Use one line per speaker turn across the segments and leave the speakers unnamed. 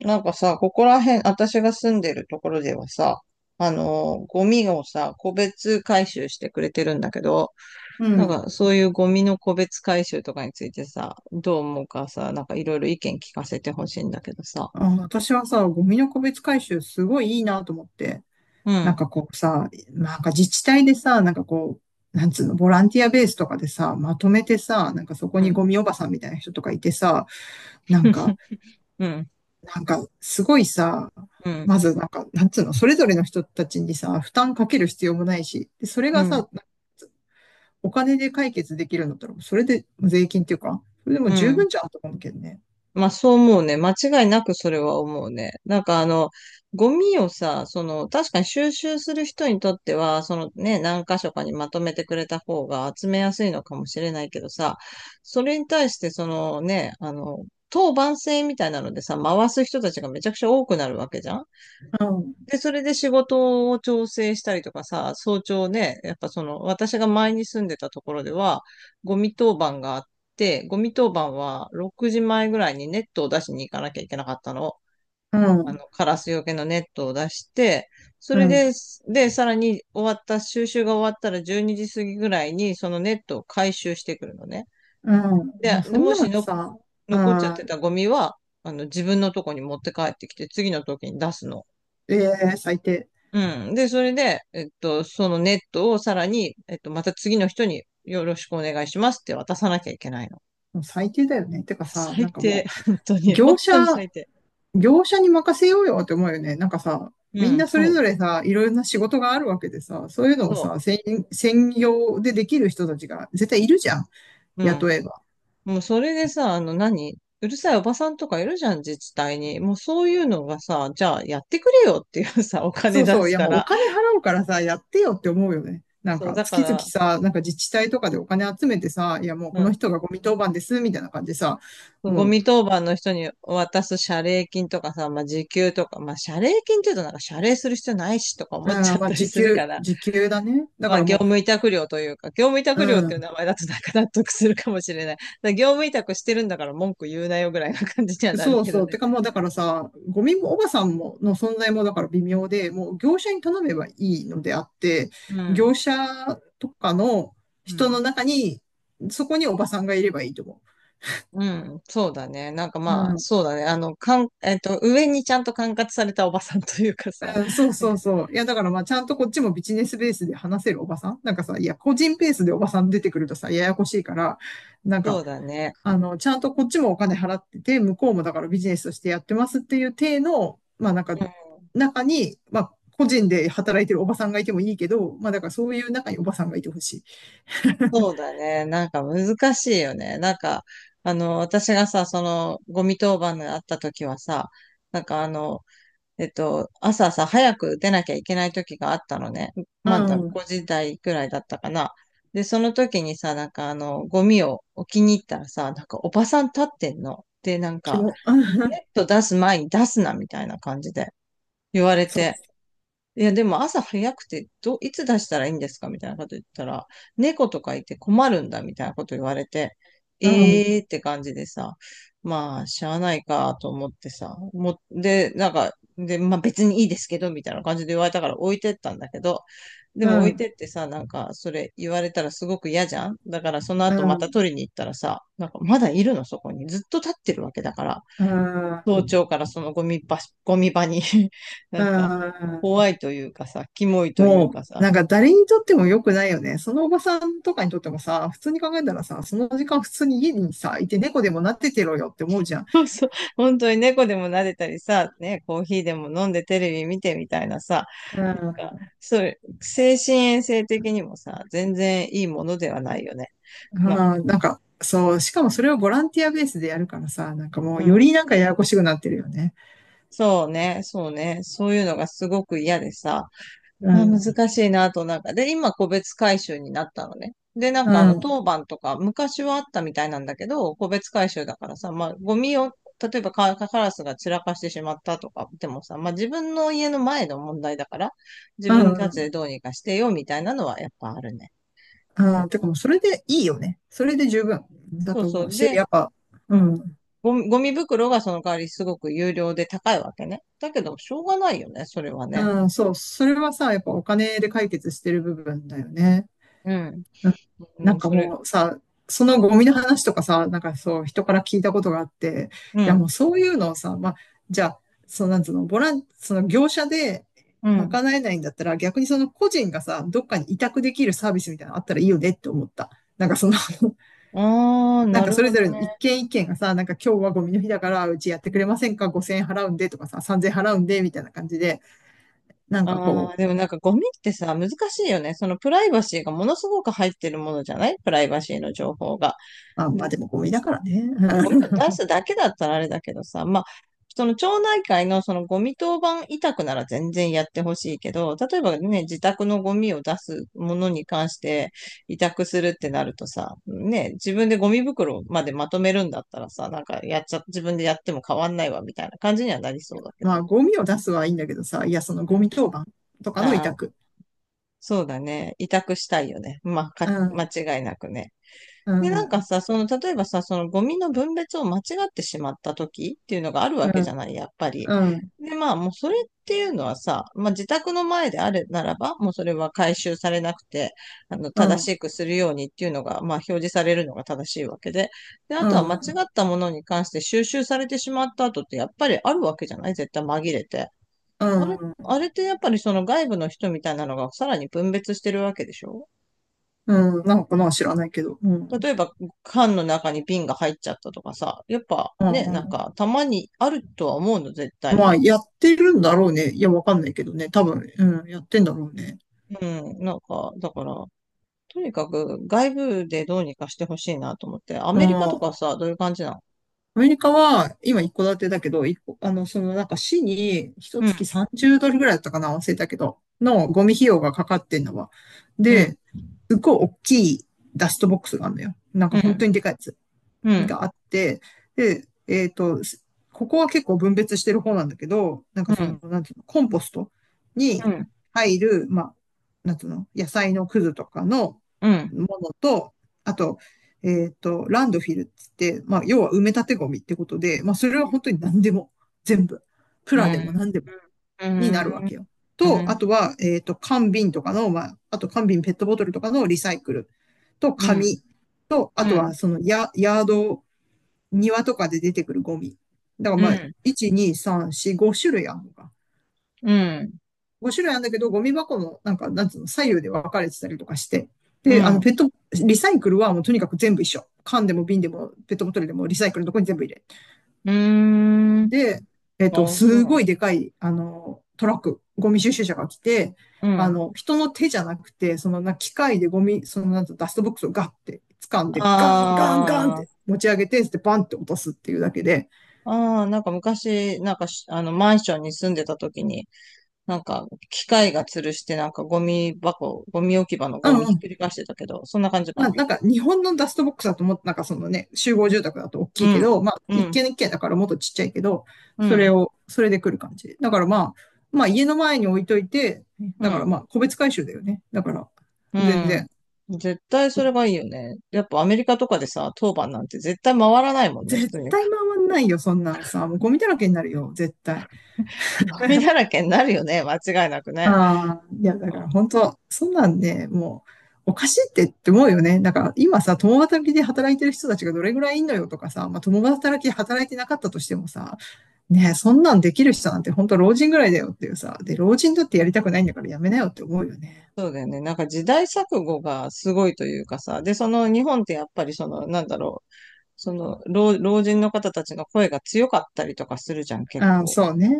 なんかさ、ここら辺、私が住んでるところではさ、ゴミをさ、個別回収してくれてるんだけど、
う
なん
ん。
かそういうゴミの個別回収とかについてさ、どう思うかさ、なんかいろいろ意見聞かせてほしいんだけどさ。
あ、私はさ、ゴミの個別回収すごいいいなと思って。
う
なん
ん、
かこうさ、なんか自治体でさ、なんかこう、なんつうの、ボランティアベースとかでさ、まとめてさ、なんかそこ
う
に
ん、
ゴミおばさんみたいな人とかいてさ、なんか、
うん、
なんかすごいさ、
うん、
まずなんか、なんつうの、それぞれの人たちにさ、負担かける必要もないし、で、それ
う
が
ん、
さ、お金で解決できるんだったら、それで税金っていうか、それでも
う
十
ん、
分じゃんと思うけどね。
まあそう思うね。間違いなくそれは思うね。ゴミをさ、その、確かに収集する人にとっては、そのね、何箇所かにまとめてくれた方が集めやすいのかもしれないけどさ、それに対して当番制みたいなのでさ、回す人たちがめちゃくちゃ多くなるわけじゃん。
うん、
で、それで仕事を調整したりとかさ、早朝ね、やっぱその、私が前に住んでたところでは、ゴミ当番があって、ゴミ当番は6時前ぐらいにネットを出しに行かなきゃいけなかったの。
う
あ
ん、
の、カラスよけのネットを出して、そ
う
れで、
ん。
で、さらに終わった、収集が終わったら12時過ぎぐらいに、そのネットを回収してくるのね。
うん。も
で、
うそ
で
ん
も
なの
しの
さ、
残っちゃっ
ああ、
てたゴミは、あの、自分のとこに持って帰ってきて、次の時に出すの。
ええ最低。
うん。で、それで、そのネットをさらに、また次の人によろしくお願いしますって渡さなきゃいけないの。
もう最低だよね。てかさ、
最
なんか
低。
も
本当
う、
に。
業
本
者、
当に最低。
業者に任せようよって思うよね。なんかさ、
う
みん
ん。
なそ
そ
れぞ
う。
れさ、いろいろな仕事があるわけでさ、そういうのを
そ
さ、専業でできる人たちが絶対いるじゃん。
う。うん。
雇えば。
もうそれでさ、あの何、うるさいおばさんとかいるじゃん、自治体に。もうそういうのがさ、じゃあやってくれよっていうさ、お
そ
金
う
出
そう。
す
いや
か
もうお
ら。
金払うからさ、やってよって思うよね。なん
そう、
か、
だか
月々
ら、
さ、なんか自治体とかでお金集めてさ、いやもう
う
この
ん。
人がゴミ当番です、みたいな感じでさ、
ゴ
も
ミ
う
当番の人に渡す謝礼金とかさ、まあ、時給とか、まあ、謝礼金って言うとなんか謝礼する必要ないしとか思
う
っち
ん、
ゃっ
ま
た
あ、
り
時
するか
給、
ら、
時給だね。だ
ま
か
あ、
ら
業
も
務委託料というか、業務委
う、
託料っ
う
ていう
ん、
名前だとなんか納得するかもしれない。だから業務委託してるんだから文句言うなよぐらいな感じにはなる
そう
けど
そう。
ね。
てかもう、だからさ、ゴミもおばさんもの存在もだから微妙で、もう業者に頼めばいいのであって、
うん。
業者とかの
う
人
ん。
の中に、そこにおばさんがいればいいと思
うん。そうだね。なんか
う。う
まあ、
ん、
そうだね。あの、かん、えっと、上にちゃんと管轄されたおばさんというかさ。
うん、そう
なん
そ
か
うそう。いや、だからまあ、ちゃんとこっちもビジネスベースで話せるおばさんなんかさ、いや、個人ベースでおばさん出てくるとさ、ややこしいから、なん
そ
か、
うだね。
あの、ちゃんとこっちもお金払ってて、向こうもだからビジネスとしてやってますっていう体の、まあなんか、
うん、
中に、まあ、個人で働いてるおばさんがいてもいいけど、まあだからそういう中におばさんがいてほしい。
そうだね。なんか難しいよね。なんか、あの、私がさ、その、ゴミ当番があった時はさ、なんかあの、朝さ、早く出なきゃいけない時があったのね。
う
まだ
ん、
5時台くらいだったかな。で、その時にさ、なんかあの、ゴミを置きに行ったらさ、なんかおばさん立ってんの。で、なん
気
か、
も、う
ネ
ん、
ット出す前に出すな、みたいな感じで言われて。
そ
いや、でも朝早くて、ど、いつ出したらいいんですかみたいなこと言ったら、猫とかいて困るんだみたいなこと言われて、
う、うん、
えーって感じでさ、まあ、しゃあないかと思ってさ、も、で、なんか、で、まあ別にいいですけど、みたいな感じで言われたから置いてったんだけど、で
う
も置い
ん、
てってさ、なんか、それ言われたらすごく嫌じゃんだからその
う
後また
ん、
取りに行ったらさ、なんかまだいるのそこに。ずっと立ってるわけだから。
う
早
ん、
朝からそのゴミ場、ゴミ場に な
う
んか、
ん、
怖いというかさ、キモいという
もう、
かさ、
なんか誰にとっても良くないよね。そのおばさんとかにとってもさ、普通に考えたらさ、その時間普通に家にさ、いて猫でもなっててろよって思うじゃん。
そうそう、本当に猫でも撫でたりさ、ね、コーヒーでも飲んでテレビ見てみたいなさ、
う
なん
ん。
かそれ精神衛生的にもさ、全然いいものではないよね。なんか、
ああ、なんか、そう、しかもそれをボランティアベースでやるからさ、なんかも
う
うよ
ん。
りなんかややこしくなってるよね。
そうね、そうね、そういうのがすごく嫌でさ、
う
あ、
ん、
難しいなと、なんか。で、今、個別回収になったのね。で、なん
う
か、あの、
ん、
当番とか、昔はあったみたいなんだけど、個別回収だからさ、まあ、ゴミを、例えばカ、カラスが散らかしてしまったとか、でもさ、まあ、自分の家の前の問題だから、自
う
分
ん、う
たち
ん。
でどうにかしてよ、みたいなのはやっぱあるね。うん、
あーてかもうそれでいいよね。それで十分だ
そう
と
そ
思う
う。
し、
で、
やっぱ、う
うん。
ん、
ゴミ袋がその代わりすごく有料で高いわけね。だけど、しょうがないよね、それはね。
うん、そう、それはさ、やっぱお金で解決してる部分だよね。
うん。
な
う
なん
ん、
か
それ。
もうさ、そのゴミの話とかさ、なんかそう、人から聞いたことがあって、い
う
や
ん。
もうそういうのをさ、まあ、じゃあ、そのなんつうの、ボラン、その業者で
うん。
賄えないんだったら、逆にその個人がさ、どっかに委託できるサービスみたいなのあったらいいよねって思った。なんかその
ああ、
なん
な
か
る
そ
ほ
れぞ
ど
れの一
ね。
件一件がさ、なんか今日はゴミの日だから、うちやってくれませんか？ 5000 円払うんでとかさ、3000円払うんでみたいな感じで、なんか
あ
こ
あ、でもなんかゴミってさ、難しいよね。そのプライバシーがものすごく入ってるものじゃないプライバシーの情報が。
う、まあ、まあ
で、
でもゴミだからね。
ゴミを出すだけだったらあれだけどさ、まあ、その町内会のそのゴミ当番委託なら全然やってほしいけど、例えばね、自宅のゴミを出すものに関して委託するってなるとさ、ね、自分でゴミ袋までまとめるんだったらさ、なんかやっちゃ、自分でやっても変わんないわみたいな感じにはなりそうだけ
ま
ど
あ、
ね。
ゴミを出すはいいんだけどさ、いや、その
うん。
ゴミ当番とかの委
ああ、
託。
そうだね。委託したいよね。
う
間
ん、
違いなくね。
う
で、なんか
ん、
さ、その、例えばさ、そのゴミの分別を間違ってしまった時っていうのがある
う
わけじゃ
ん、
ない、やっぱり。
うん、
で、まあ、もうそれっていうのはさ、まあ、自宅の前であるならば、もうそれは回収されなくて、あの、
う
正
ん、
しくするようにっていうのが、まあ、表示されるのが正しいわけで。で、あ
う
とは間違
ん、
ったものに関して収集されてしまった後って、やっぱりあるわけじゃない絶対紛れて。
うん、うん、なんかな、知らないけど。うん、うん、うん。まあ、やってるんだろうね。いや、わかんないけどね。多分、うん、やってんだろうね。うん。アメリカは、今一戸建てだけど、一戸あの、そのなんか市に一月30ドルぐらいだったかな、忘れたけど、のゴミ費用がかかってんのは。で、すっごい大きいダストボックスがあるのよ。なんか本当にでかい。があって、で、えっと、ここは結構分別してる方なんだけど、なんかその、なんていうの、コンポストに入る、まあ、なんていうの、野菜のくずとかのものと、あと、えっと、ランドフィルっつって、まあ、要は埋め立てゴミってことで、まあ、それは本当に何でも、全部、プラでも何でもになるわけよ。と、あとは、えっと、缶瓶とかの、まあ、あと缶瓶ペットボトルとかのリサイクルと紙と、あとはそのヤード庭とかで出てくるゴミ。だからまあ、1、2、3、4、5種類あるのか。5種類あるんだけど、ゴミ箱もなんか、なんつうの、左右で分かれてたりとかして。で、あの、ペット、リサイクルはもうとにかく全部一緒。缶でも瓶でもペットボトルでもリサイクルのとこに全部入れ。で、えっと、すごいでかい、あの、トラック、ゴミ収集車が来て、あの、人の手じゃなくて、そのな、機械でゴミ、そのなんとダストボックスをガッて掴んで、ガンガンガンっ
あ
て持ち上げて、でバンって落とすっていうだけで、
あ、ああ、なんか昔、なんかし、あの、マンションに住んでた時に、なんか、機械が吊るして、なんか、ゴミ箱、ゴミ置き場の
う
ゴ
ん
ミ
う
ひっ
ん、
くり返してたけど、そんな感じか
まあ、
な。
なんか日本のダストボックスだともっとなんかそのね、集合住宅だと大き
う
いけ
ん、
ど、まあ
う
一
ん、
軒一軒だからもっとちっちゃいけど、
う
それ
ん、
を、それで来る感じ。だからまあ、まあ家の前に置いといて、
う
だから
ん、
まあ個別回収だよね。だから、全然。
うん。絶対それがいいよね。やっぱアメリカとかでさ、当番なんて絶対回らないもんね、普
絶
通に。
対回んないよ、そんなんさ。もうゴミだらけになるよ、絶対。
ゴミだ らけになるよね、間違いなくね。
ああ、いや、だから本当、そんなんね、もう、おかしいって思うよね。だから今さ、共働きで働いてる人たちがどれぐらいいんのよとかさ、まあ、共働きで働いてなかったとしてもさ、ねえ、そんなんできる人なんて本当老人ぐらいだよっていうさ。で、老人だってやりたくないんだからやめなよって思うよね。
そうだよね。なんか時代錯誤がすごいというかさ、で、その日本ってやっぱりその、なんだろう、老人の方たちの声が強かったりとかするじゃん、結
ああ、
構。
そうね。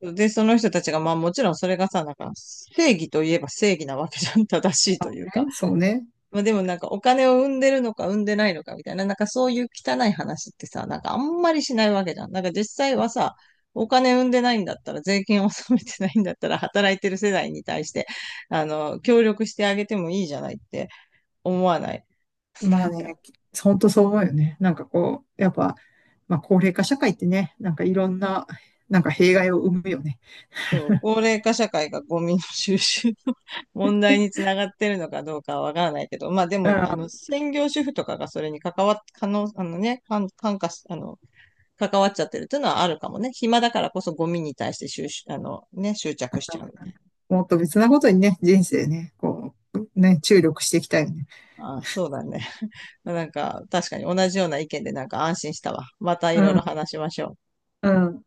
で、その人たちが、まあもちろんそれがさ、なんか正義といえば正義なわけじゃん、正しい
そ
と
う
いう
ね。
か。
そうね。
まあでもなんかお金を生んでるのか生んでないのかみたいな、なんかそういう汚い話ってさ、なんかあんまりしないわけじゃん。なんか実際はさ、お金生んでないんだったら、税金を納めてないんだったら、働いてる世代に対して、あの、協力してあげてもいいじゃないって思わない。
ま
な
あ
ん
ね、
か
本当そう思うよね。なんかこう、やっぱ、まあ高齢化社会ってね、なんかいろんな、なんか弊害を生むよね。
そう、高齢化社会がゴミの収集の 問題につながってるのかどうかはわからないけど、まあで
う
も、あの、
ん
専業主婦とかがそれに関わっ、可能、あのね、関関化し、あの、関わっちゃってるっていうのはあるかもね。暇だからこそゴミに対して収集、あの、ね、執着しちゃうみたい
もっと別なことにね、人生ね、こう、ね、注力していきたいよね。
な。ああ、そうだね。まあなんか、確かに同じような意見でなんか安心したわ。またい
う
ろいろ
ん、
話しましょう。
うん。